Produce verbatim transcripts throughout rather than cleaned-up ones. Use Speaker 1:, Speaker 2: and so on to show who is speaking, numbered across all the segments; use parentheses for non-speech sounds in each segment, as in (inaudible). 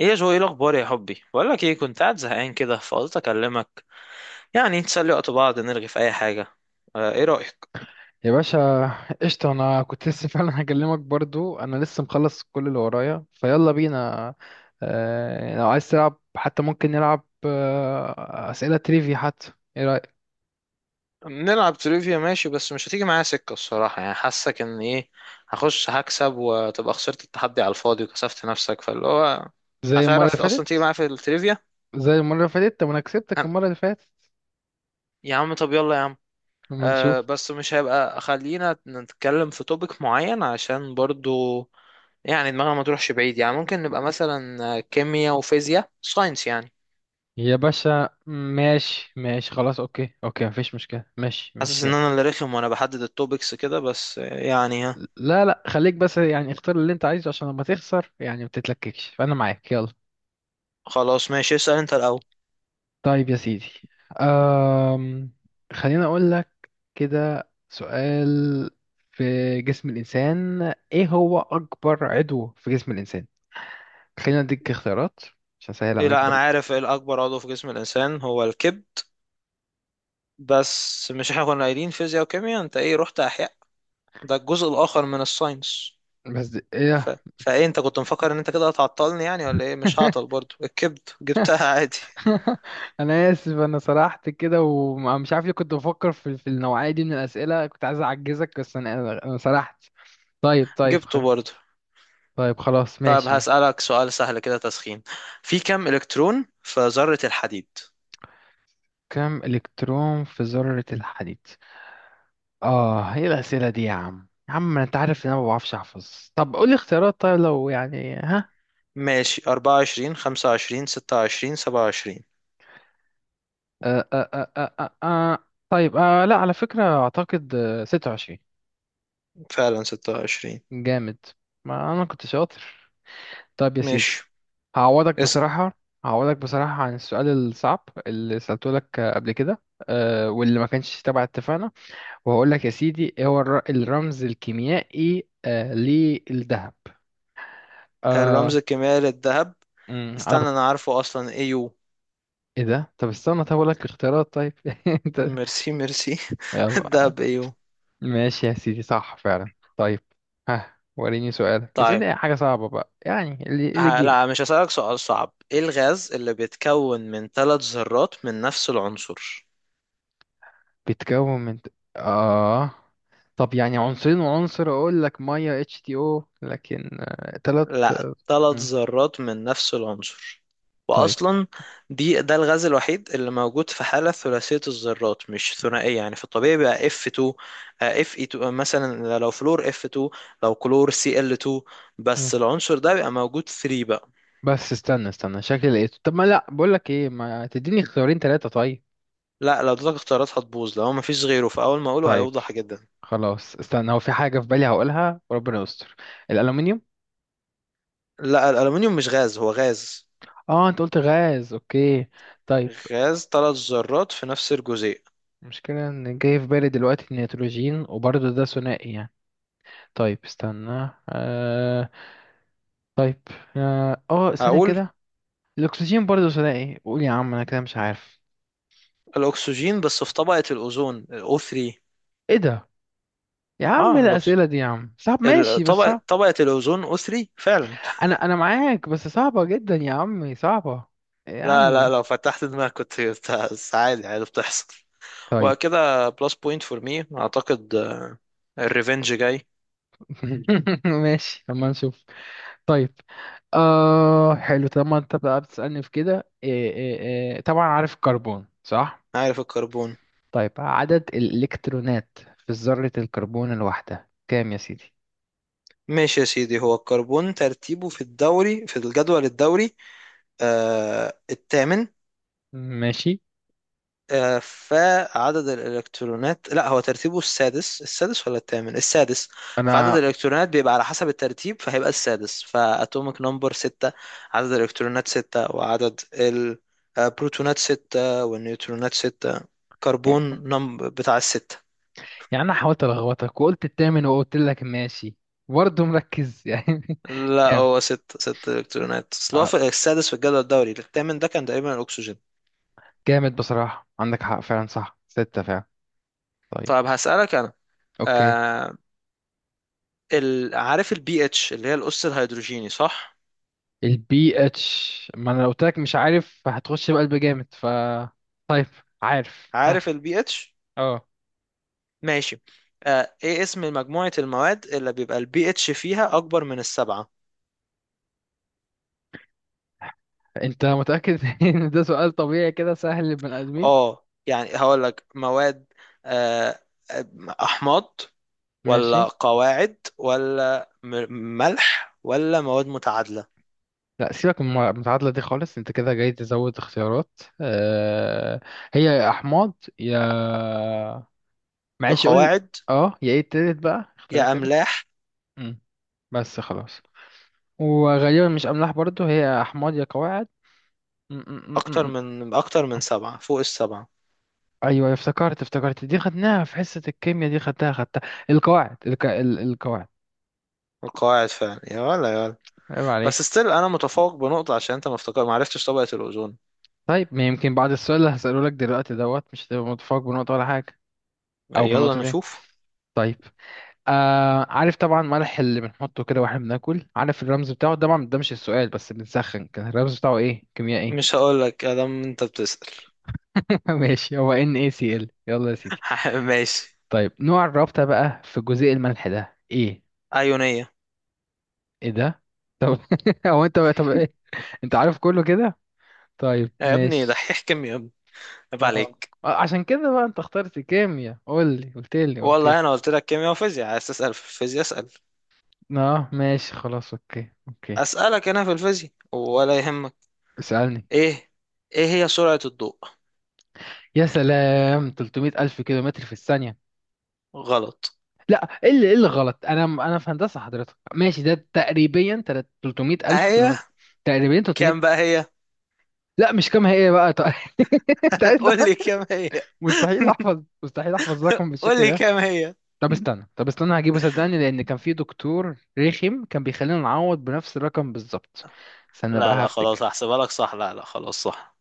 Speaker 1: ايه يا جو، ايه الاخبار يا حبي؟ بقول لك ايه، كنت قاعد زهقان كده فقلت اكلمك يعني نسلي وقت بعض نرغي في اي حاجه. آه ايه رايك
Speaker 2: يا باشا، قشطة. أنا كنت لسه (laughs) فعلا هكلمك برضو. أنا لسه مخلص كل اللي ورايا فيلا بينا. آه، لو عايز تلعب حتى ممكن نلعب آه، أسئلة تريفي حتى، إيه رأيك؟
Speaker 1: نلعب تريفيا؟ ماشي بس مش هتيجي معايا سكة الصراحة، يعني حاسك ان ايه هخش هكسب وتبقى خسرت التحدي على الفاضي وكسفت نفسك، فاللي هو
Speaker 2: زي المرة اللي
Speaker 1: هتعرف اصلا تيجي
Speaker 2: فاتت
Speaker 1: معايا في التريفيا؟
Speaker 2: زي المرة اللي فاتت طب أنا كسبتك
Speaker 1: أنا.
Speaker 2: المرة اللي فاتت.
Speaker 1: يا عم طب يلا يا عم.
Speaker 2: أما
Speaker 1: آه
Speaker 2: نشوف.
Speaker 1: بس مش هيبقى، خلينا نتكلم في توبيك معين عشان برضو يعني دماغنا ما تروحش بعيد. يعني ممكن نبقى مثلا كيمياء وفيزياء، ساينس يعني.
Speaker 2: يا باشا، ماشي ماشي، خلاص، أوكي أوكي، مفيش مشكلة، ماشي
Speaker 1: حاسس
Speaker 2: ماشي،
Speaker 1: ان
Speaker 2: يلا.
Speaker 1: انا اللي رخم وانا بحدد التوبكس كده، بس يعني ها.
Speaker 2: لا، لا، خليك بس يعني اختار اللي أنت عايزه عشان لما تخسر يعني ما تتلككش، فأنا معاك، يلا.
Speaker 1: خلاص ماشي، اسأل انت الاول.
Speaker 2: طيب يا سيدي. أم... خليني أقول لك كده سؤال. في جسم الإنسان، إيه هو أكبر عضو في جسم الإنسان؟ خلينا أديك اختيارات عشان أسهل
Speaker 1: إيه؟
Speaker 2: عليك
Speaker 1: لا انا
Speaker 2: برضه.
Speaker 1: عارف إيه الاكبر عضو في جسم الانسان، هو الكبد. بس مش احنا كنا قايلين فيزياء وكيمياء؟ انت ايه رحت احياء؟ ده الجزء الاخر من الساينس.
Speaker 2: بس دي
Speaker 1: ف...
Speaker 2: إيه؟
Speaker 1: فايه انت كنت مفكر ان انت كده هتعطلني يعني ولا ايه؟ مش هعطل،
Speaker 2: (laughs)
Speaker 1: برضو الكبد جبتها عادي.
Speaker 2: أنا آسف، أنا سرحت كده ومش عارف ليه، كنت بفكر في, في النوعية دي من الأسئلة، كنت عايز أعجزك بس أنا أنا سرحت. طيب
Speaker 1: (laughs)
Speaker 2: طيب، خ...
Speaker 1: جبته برضو.
Speaker 2: طيب خلاص
Speaker 1: طيب
Speaker 2: ماشي.
Speaker 1: هسألك سؤال سهل كده تسخين. في كم الكترون في ذرة الحديد؟
Speaker 2: كم إلكترون في ذرة الحديد؟ اه، ايه الاسئله دي يا عم يا عم؟ انت عارف ان انا ما بعرفش احفظ. طب قول لي اختيارات، طيب لو يعني، ها.
Speaker 1: ماشي، أربعة وعشرين خمسة وعشرين ستة وعشرين سبعة وعشرين.
Speaker 2: آه آه آه آه آه آه. طيب، آه لا على فكره اعتقد، آه، ستة وعشرين.
Speaker 1: فعلا ستة وعشرين.
Speaker 2: جامد. ما انا كنت شاطر. طيب يا سيدي.
Speaker 1: ماشي
Speaker 2: هعوضك
Speaker 1: اسأل.
Speaker 2: بصراحه هعوضك بصراحه عن السؤال الصعب اللي سالته لك آه، قبل كده، آه واللي ما كانش تبع اتفاقنا. وهقول لك يا سيدي، ايه هو الر- الرمز الكيميائي آه للذهب آه
Speaker 1: الرمز الكيميائي للذهب؟
Speaker 2: مم، انا.
Speaker 1: استنى انا عارفه اصلا، ايو.
Speaker 2: ايه ده؟ طب استنى، طب اقول لك اختيارات طيب. (laughs) انت.
Speaker 1: ميرسي ميرسي. (laughs) الذهب ايو.
Speaker 2: ماشي يا سيدي، صح فعلا. طيب، ها وريني سؤالك،
Speaker 1: طيب
Speaker 2: اسألني اي حاجة صعبة بقى، يعني اللي اللي
Speaker 1: ه-
Speaker 2: تجيبه.
Speaker 1: لا مش هسألك سؤال صعب. ايه الغاز اللي بيتكون من ثلاث ذرات من نفس العنصر؟
Speaker 2: بتكون من، اه طب يعني عنصرين وعنصر، اقول لك ميه اتش تي او، لكن آه، تلات
Speaker 1: لا،
Speaker 2: آه،
Speaker 1: ثلاث
Speaker 2: مم.
Speaker 1: ذرات من نفس العنصر.
Speaker 2: طيب.
Speaker 1: واصلا دي ده الغاز الوحيد اللي موجود في حاله ثلاثيه الذرات مش ثنائيه. يعني في الطبيعي بيبقى اف اتنين، آه، اف اي اتنين مثلا. لو فلور اف اتنين، لو كلور سي ال اتنين، بس
Speaker 2: مم.
Speaker 1: العنصر ده بيبقى موجود تلاتة بقى.
Speaker 2: بس استنى استنى، شكلي لقيته. طب ما، لا بقول لك ايه، ما تديني اختيارين تلاتة طيب.
Speaker 1: لا لو اديتك اختيارات هتبوظ، لو مفيش غيره فاول ما اقوله
Speaker 2: طيب
Speaker 1: هيوضح جدا.
Speaker 2: خلاص. استنى، هو في حاجة في بالي هقولها، وربنا يستر. الألومنيوم.
Speaker 1: لا الالومنيوم مش غاز، هو غاز.
Speaker 2: اه، انت قلت غاز، اوكي. طيب.
Speaker 1: غاز ثلاث ذرات في نفس الجزيء.
Speaker 2: المشكلة ان جاي في بالي دلوقتي النيتروجين، وبرضه ده ثنائي يعني. طيب استنى آه طيب. اه آه، ثانية
Speaker 1: هقول
Speaker 2: كده. الاكسجين برضه ثنائي، قول يا عم انا كده مش عارف.
Speaker 1: الاكسجين، بس في طبقه الاوزون o ثري.
Speaker 2: ايه ده؟ يا عم إيه
Speaker 1: اه،
Speaker 2: الاسئلة دي يا عم؟ صعب،
Speaker 1: ال-
Speaker 2: ماشي بس
Speaker 1: طبقة
Speaker 2: صعب.
Speaker 1: طبقة الأوزون أثري فعلا.
Speaker 2: انا انا معاك بس صعبة جدا يا عمي، صعبة يا
Speaker 1: لا لا
Speaker 2: عم.
Speaker 1: لو فتحت دماغك كنت (laughs) بس عادي عادي بتحصل.
Speaker 2: طيب.
Speaker 1: وكده بلس بوينت فور مي أعتقد. الريفنج جاي.
Speaker 2: (laughs) ماشي، اما نشوف. طيب. آه حلو، طالما انت بقى بتسألني في كده، إيه إيه؟ إيه. طبعا عارف الكربون، صح؟
Speaker 1: عارف الكربون.
Speaker 2: طيب، عدد الإلكترونات في ذرة الكربون الواحدة كام يا سيدي؟
Speaker 1: ماشي يا سيدي، هو الكربون ترتيبه في الدوري في الجدول الدوري آه الثامن.
Speaker 2: ماشي.
Speaker 1: آه، فعدد الإلكترونات، لا هو ترتيبه السادس. السادس ولا الثامن؟ السادس. فعدد
Speaker 2: أنا
Speaker 1: الإلكترونات بيبقى على حسب الترتيب، فهيبقى السادس، فأتوميك نمبر ستة. عدد الإلكترونات ستة، وعدد البروتونات ستة، والنيوترونات ستة. كربون نم بتاع الستة.
Speaker 2: يعني أنا حاولت ألخبطك وقلت التامن وقلت لك ماشي. برضه مركز يعني (laughs)
Speaker 1: لا
Speaker 2: كام؟
Speaker 1: هو ستة، ستة إلكترونات، أصل هو
Speaker 2: آه
Speaker 1: في السادس في الجدول الدوري. الثامن ده كان تقريبا الأكسجين.
Speaker 2: جامد بصراحة، عندك حق فعلا، صح ستة فعلا. طيب.
Speaker 1: طب هسألك أنا.
Speaker 2: أوكي.
Speaker 1: آه ال... عارف البي اتش اللي هي الأس الهيدروجيني صح؟
Speaker 2: البي اتش، ما أنا لو قلت لك مش عارف هتخش بقلب جامد، ف طيب، عارف
Speaker 1: عارف
Speaker 2: (laughs)
Speaker 1: البي اتش؟
Speaker 2: اه.
Speaker 1: ماشي. آه ايه اسم مجموعة المواد اللي بيبقى البي اتش فيها اكبر من السبعة؟
Speaker 2: انت متأكد (laughs) ان ده سؤال طبيعي كده سهل للبني ادمين؟
Speaker 1: اه، يعني هقول لك مواد آه احماض ولا
Speaker 2: ماشي.
Speaker 1: قواعد ولا م- ملح ولا مواد متعادلة؟
Speaker 2: لا، سيبك من المتعادلة دي خالص، انت كده جاي تزود اختيارات، آه هي يا احماض، يا،
Speaker 1: يا
Speaker 2: معلش قول،
Speaker 1: قواعد
Speaker 2: اه يا، ايه التالت بقى، اختار
Speaker 1: يا
Speaker 2: التالت.
Speaker 1: املاح.
Speaker 2: مم. بس خلاص. وغالبا مش املاح برضو، هي احماض يا قواعد م- م-
Speaker 1: اكتر
Speaker 2: م- م.
Speaker 1: من اكتر من سبعة، فوق السبعة.
Speaker 2: ايوه، افتكرت افتكرت، دي خدناها في حصة الكيمياء. دي خدتها خدتها. القواعد الك... ال- القواعد.
Speaker 1: القواعد فعلا، يا ولا يا ولا
Speaker 2: عيب.
Speaker 1: بس ستيل انا متفوق بنقطة عشان انت ما افتكر ما عرفتش طبقة الاوزون.
Speaker 2: طيب، ما يمكن بعد السؤال اللي هسأله لك دلوقتي دوت، مش هتبقى متفوق بنقطة ولا حاجة، أو
Speaker 1: يلا
Speaker 2: بنقطتين.
Speaker 1: نشوف.
Speaker 2: طيب. آه عارف طبعا ملح اللي بنحطه كده واحنا بناكل، عارف الرمز بتاعه طبعا، ده مش السؤال بس بنسخن، كان الرمز بتاعه ايه كيميائي؟
Speaker 1: مش هقول لك ادام انت بتسأل.
Speaker 2: (laughs) ماشي، هو NaCl، يلا يا سيدي.
Speaker 1: (laughs) ماشي.
Speaker 2: طيب، نوع الرابطة بقى في جزيء الملح ده ايه؟
Speaker 1: أيونية.
Speaker 2: ايه ده؟ طب (laughs) هو انت بقى، طب ايه، انت عارف كله كده. طيب
Speaker 1: يا ابني
Speaker 2: ماشي.
Speaker 1: دحيح كيمياء يا ابني، عيب
Speaker 2: اه
Speaker 1: عليك.
Speaker 2: آه، عشان كده بقى انت اخترت كيمياء. قول لي، قلت لي، قلت.
Speaker 1: والله انا قلت لك كيمياء وفيزياء، عايز تسأل في الفيزياء اسأل.
Speaker 2: اه، ماشي، خلاص، اوكي اوكي،
Speaker 1: اسألك انا في الفيزياء ولا يهمك؟
Speaker 2: اسألني.
Speaker 1: ايه؟ ايه هي سرعة الضوء؟
Speaker 2: يا سلام، تلتمية ألف كيلومتر في الثانية.
Speaker 1: غلط.
Speaker 2: لا، ايه اللي ايه اللي غلط، انا انا في هندسة حضرتك، ماشي، ده تقريبا تلات- تلتمية ألف
Speaker 1: هي
Speaker 2: كيلومتر، تقريبا تلتمية.
Speaker 1: كام بقى هي؟
Speaker 2: لا، مش كام هي، إيه بقى طيب. (laughs) انت
Speaker 1: (laughs)
Speaker 2: عايز
Speaker 1: قول
Speaker 2: ده؟
Speaker 1: لي كام هي.
Speaker 2: مستحيل احفظ، مستحيل احفظ رقم
Speaker 1: قول
Speaker 2: بالشكل
Speaker 1: لي
Speaker 2: ده.
Speaker 1: كام هي.
Speaker 2: طب استنى، طب استنى، هجيبه صدقني، لان كان في دكتور رخم كان بيخلينا نعوض بنفس الرقم بالظبط.
Speaker 1: (laughs)
Speaker 2: استنى
Speaker 1: لا
Speaker 2: بقى
Speaker 1: لا خلاص
Speaker 2: هفتك.
Speaker 1: هحسبها لك صح، لا لا خلاص صح.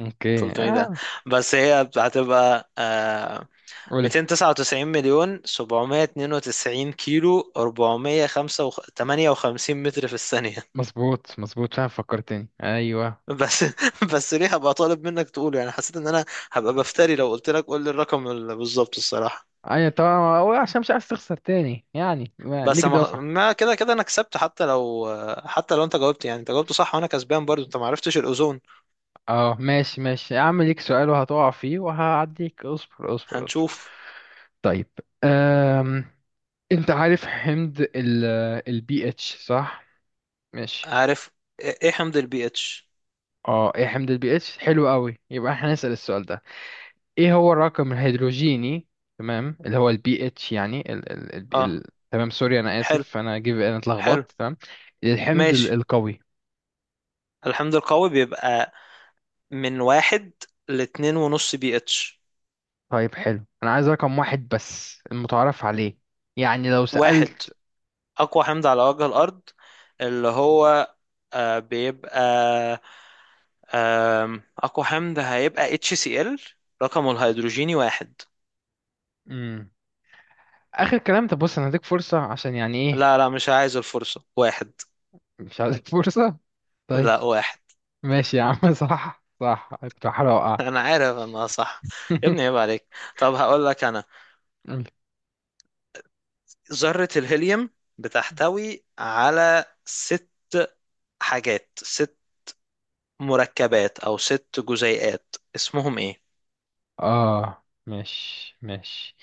Speaker 2: اوكي
Speaker 1: ثلاثمائة ده،
Speaker 2: اه،
Speaker 1: بس هي هتبقى آه
Speaker 2: قول لي.
Speaker 1: مئتين وتسعة وتسعين مليون سبعمية واتنين وتسعين كيلو اربعمية وتمنية وخمسين متر في الثانية.
Speaker 2: مظبوط مظبوط، فعلا فكرتني، ايوه.
Speaker 1: بس (laughs) بس ليه هبقى طالب منك تقوله، يعني حسيت ان انا هبقى بفتري لو قلت لك قول لي الرقم ال- بالظبط الصراحه.
Speaker 2: ايوه طبعا، هو عشان مش عايز تخسر تاني يعني ما-
Speaker 1: بس
Speaker 2: ليك
Speaker 1: ما
Speaker 2: دافعك.
Speaker 1: ما كده كده انا كسبت، حتى لو حتى لو انت جاوبت، يعني انت جاوبت صح وانا كسبان برضو، انت ما عرفتش الاوزون.
Speaker 2: اه، ماشي ماشي يا عم، ليك سؤال وهتقع فيه وهعديك، اصبر اصبر اصبر.
Speaker 1: هنشوف.
Speaker 2: طيب. أم... انت عارف حمض ال البي اتش صح؟ ماشي.
Speaker 1: عارف. ايه؟ إيه حمض البي اتش؟
Speaker 2: اه، ايه حمض البي اتش؟ حلو قوي، يبقى احنا هنسأل السؤال ده. ايه هو الرقم الهيدروجيني، تمام اللي هو البي اتش يعني ال... ال... ال...
Speaker 1: اه
Speaker 2: ال... تمام، سوري، انا
Speaker 1: حلو
Speaker 2: اسف، انا جيب، انا
Speaker 1: حلو.
Speaker 2: اتلخبطت، تمام. الحمض ال-
Speaker 1: ماشي
Speaker 2: القوي.
Speaker 1: الحمض القوي بيبقى من واحد لاتنين ونص بي اتش.
Speaker 2: طيب حلو، انا عايز رقم واحد بس المتعارف عليه، يعني لو
Speaker 1: واحد،
Speaker 2: سألت.
Speaker 1: أقوى حمض على وجه الأرض، اللي هو آه، بيبقى آم، أقوى حمض هيبقى HCl، رقمه الهيدروجيني واحد.
Speaker 2: مم. اخر كلام، طب بص، انا هديك فرصة عشان يعني ايه.
Speaker 1: لا لا مش عايز الفرصة، واحد.
Speaker 2: مش عايزك (laughs) فرصة. طيب.
Speaker 1: لا واحد.
Speaker 2: ماشي يا عم، (laughs) صح، صح، كنت بحاول
Speaker 1: (laughs)
Speaker 2: اوقع.
Speaker 1: أنا عارف أنا صح، يا ابني عيب عليك. طب هقول لك أنا، ذرة الهيليوم بتحتوي على ست حاجات، ست مركبات أو ست جزيئات، اسمهم إيه؟
Speaker 2: اه، ماشي ماشي.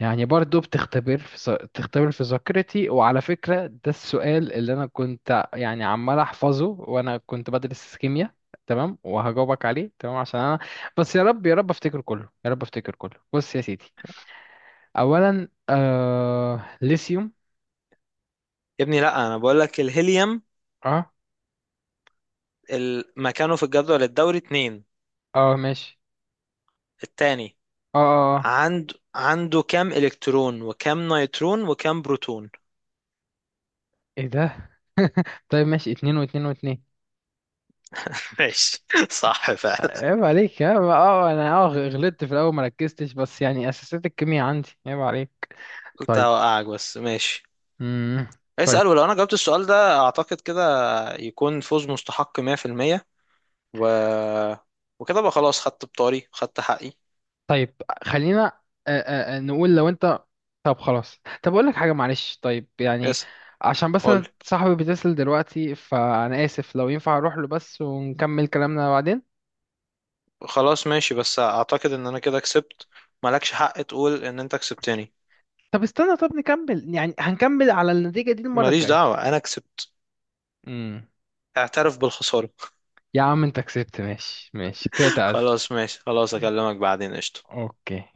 Speaker 2: يعني برضو بتختبر في ذا- بتختبر في ذاكرتي، وعلى فكرة ده السؤال اللي انا كنت يعني عمال احفظه وانا كنت بدرس كيمياء. تمام وهجاوبك عليه، تمام عشان انا. بس يا رب يا رب افتكر كله، يا رب افتكر كله، بص يا سيدي. اولا، آه ليثيوم.
Speaker 1: يا ابني لا أنا بقول لك الهيليوم،
Speaker 2: اه،
Speaker 1: ال- مكانه في الجدول الدوري اتنين،
Speaker 2: اه ماشي،
Speaker 1: التاني.
Speaker 2: اه، اه، اه،
Speaker 1: عنده عنده كام إلكترون وكام نيوترون وكام بروتون؟
Speaker 2: ايه ده؟ (laughs) طيب ماشي، اتنين واتنين واتنين.
Speaker 1: (laughs) ماشي. صح فعلا.
Speaker 2: عيب عليك، ها. اه انا اه غلطت في الاول، ما ركزتش، بس يعني اساسات الكيمياء عندي، عيب عليك.
Speaker 1: قلت
Speaker 2: طيب.
Speaker 1: هوقعك بس ماشي.
Speaker 2: امم طيب
Speaker 1: اسأل، ولو أنا جاوبت السؤال ده أعتقد كده يكون فوز مستحق مية في المية. و... وكده بقى خلاص، خدت بطاري خدت حقي.
Speaker 2: طيب خلينا آه، آه، آه، نقول لو انت. طب خلاص، طب اقول لك حاجه، معلش، طيب يعني.
Speaker 1: اسأل.
Speaker 2: عشان بس أنا
Speaker 1: قول.
Speaker 2: صاحبي بيتصل دلوقتي، فانا اسف، لو ينفع اروح له بس ونكمل كلامنا بعدين.
Speaker 1: خلاص ماشي بس أعتقد إن أنا كده كسبت، مالكش حق تقول إن أنت كسبتني.
Speaker 2: طب استنى، طب نكمل، يعني هنكمل على النتيجة دي المرة
Speaker 1: ماليش
Speaker 2: الجاية.
Speaker 1: دعوة، أنا كسبت،
Speaker 2: امم.
Speaker 1: اعترف بالخسارة.
Speaker 2: يا عم انت كسبت، ماشي ماشي، كده
Speaker 1: (laughs)
Speaker 2: تعادل.
Speaker 1: خلاص ماشي خلاص، أكلمك بعدين، قشطة.
Speaker 2: اوكي.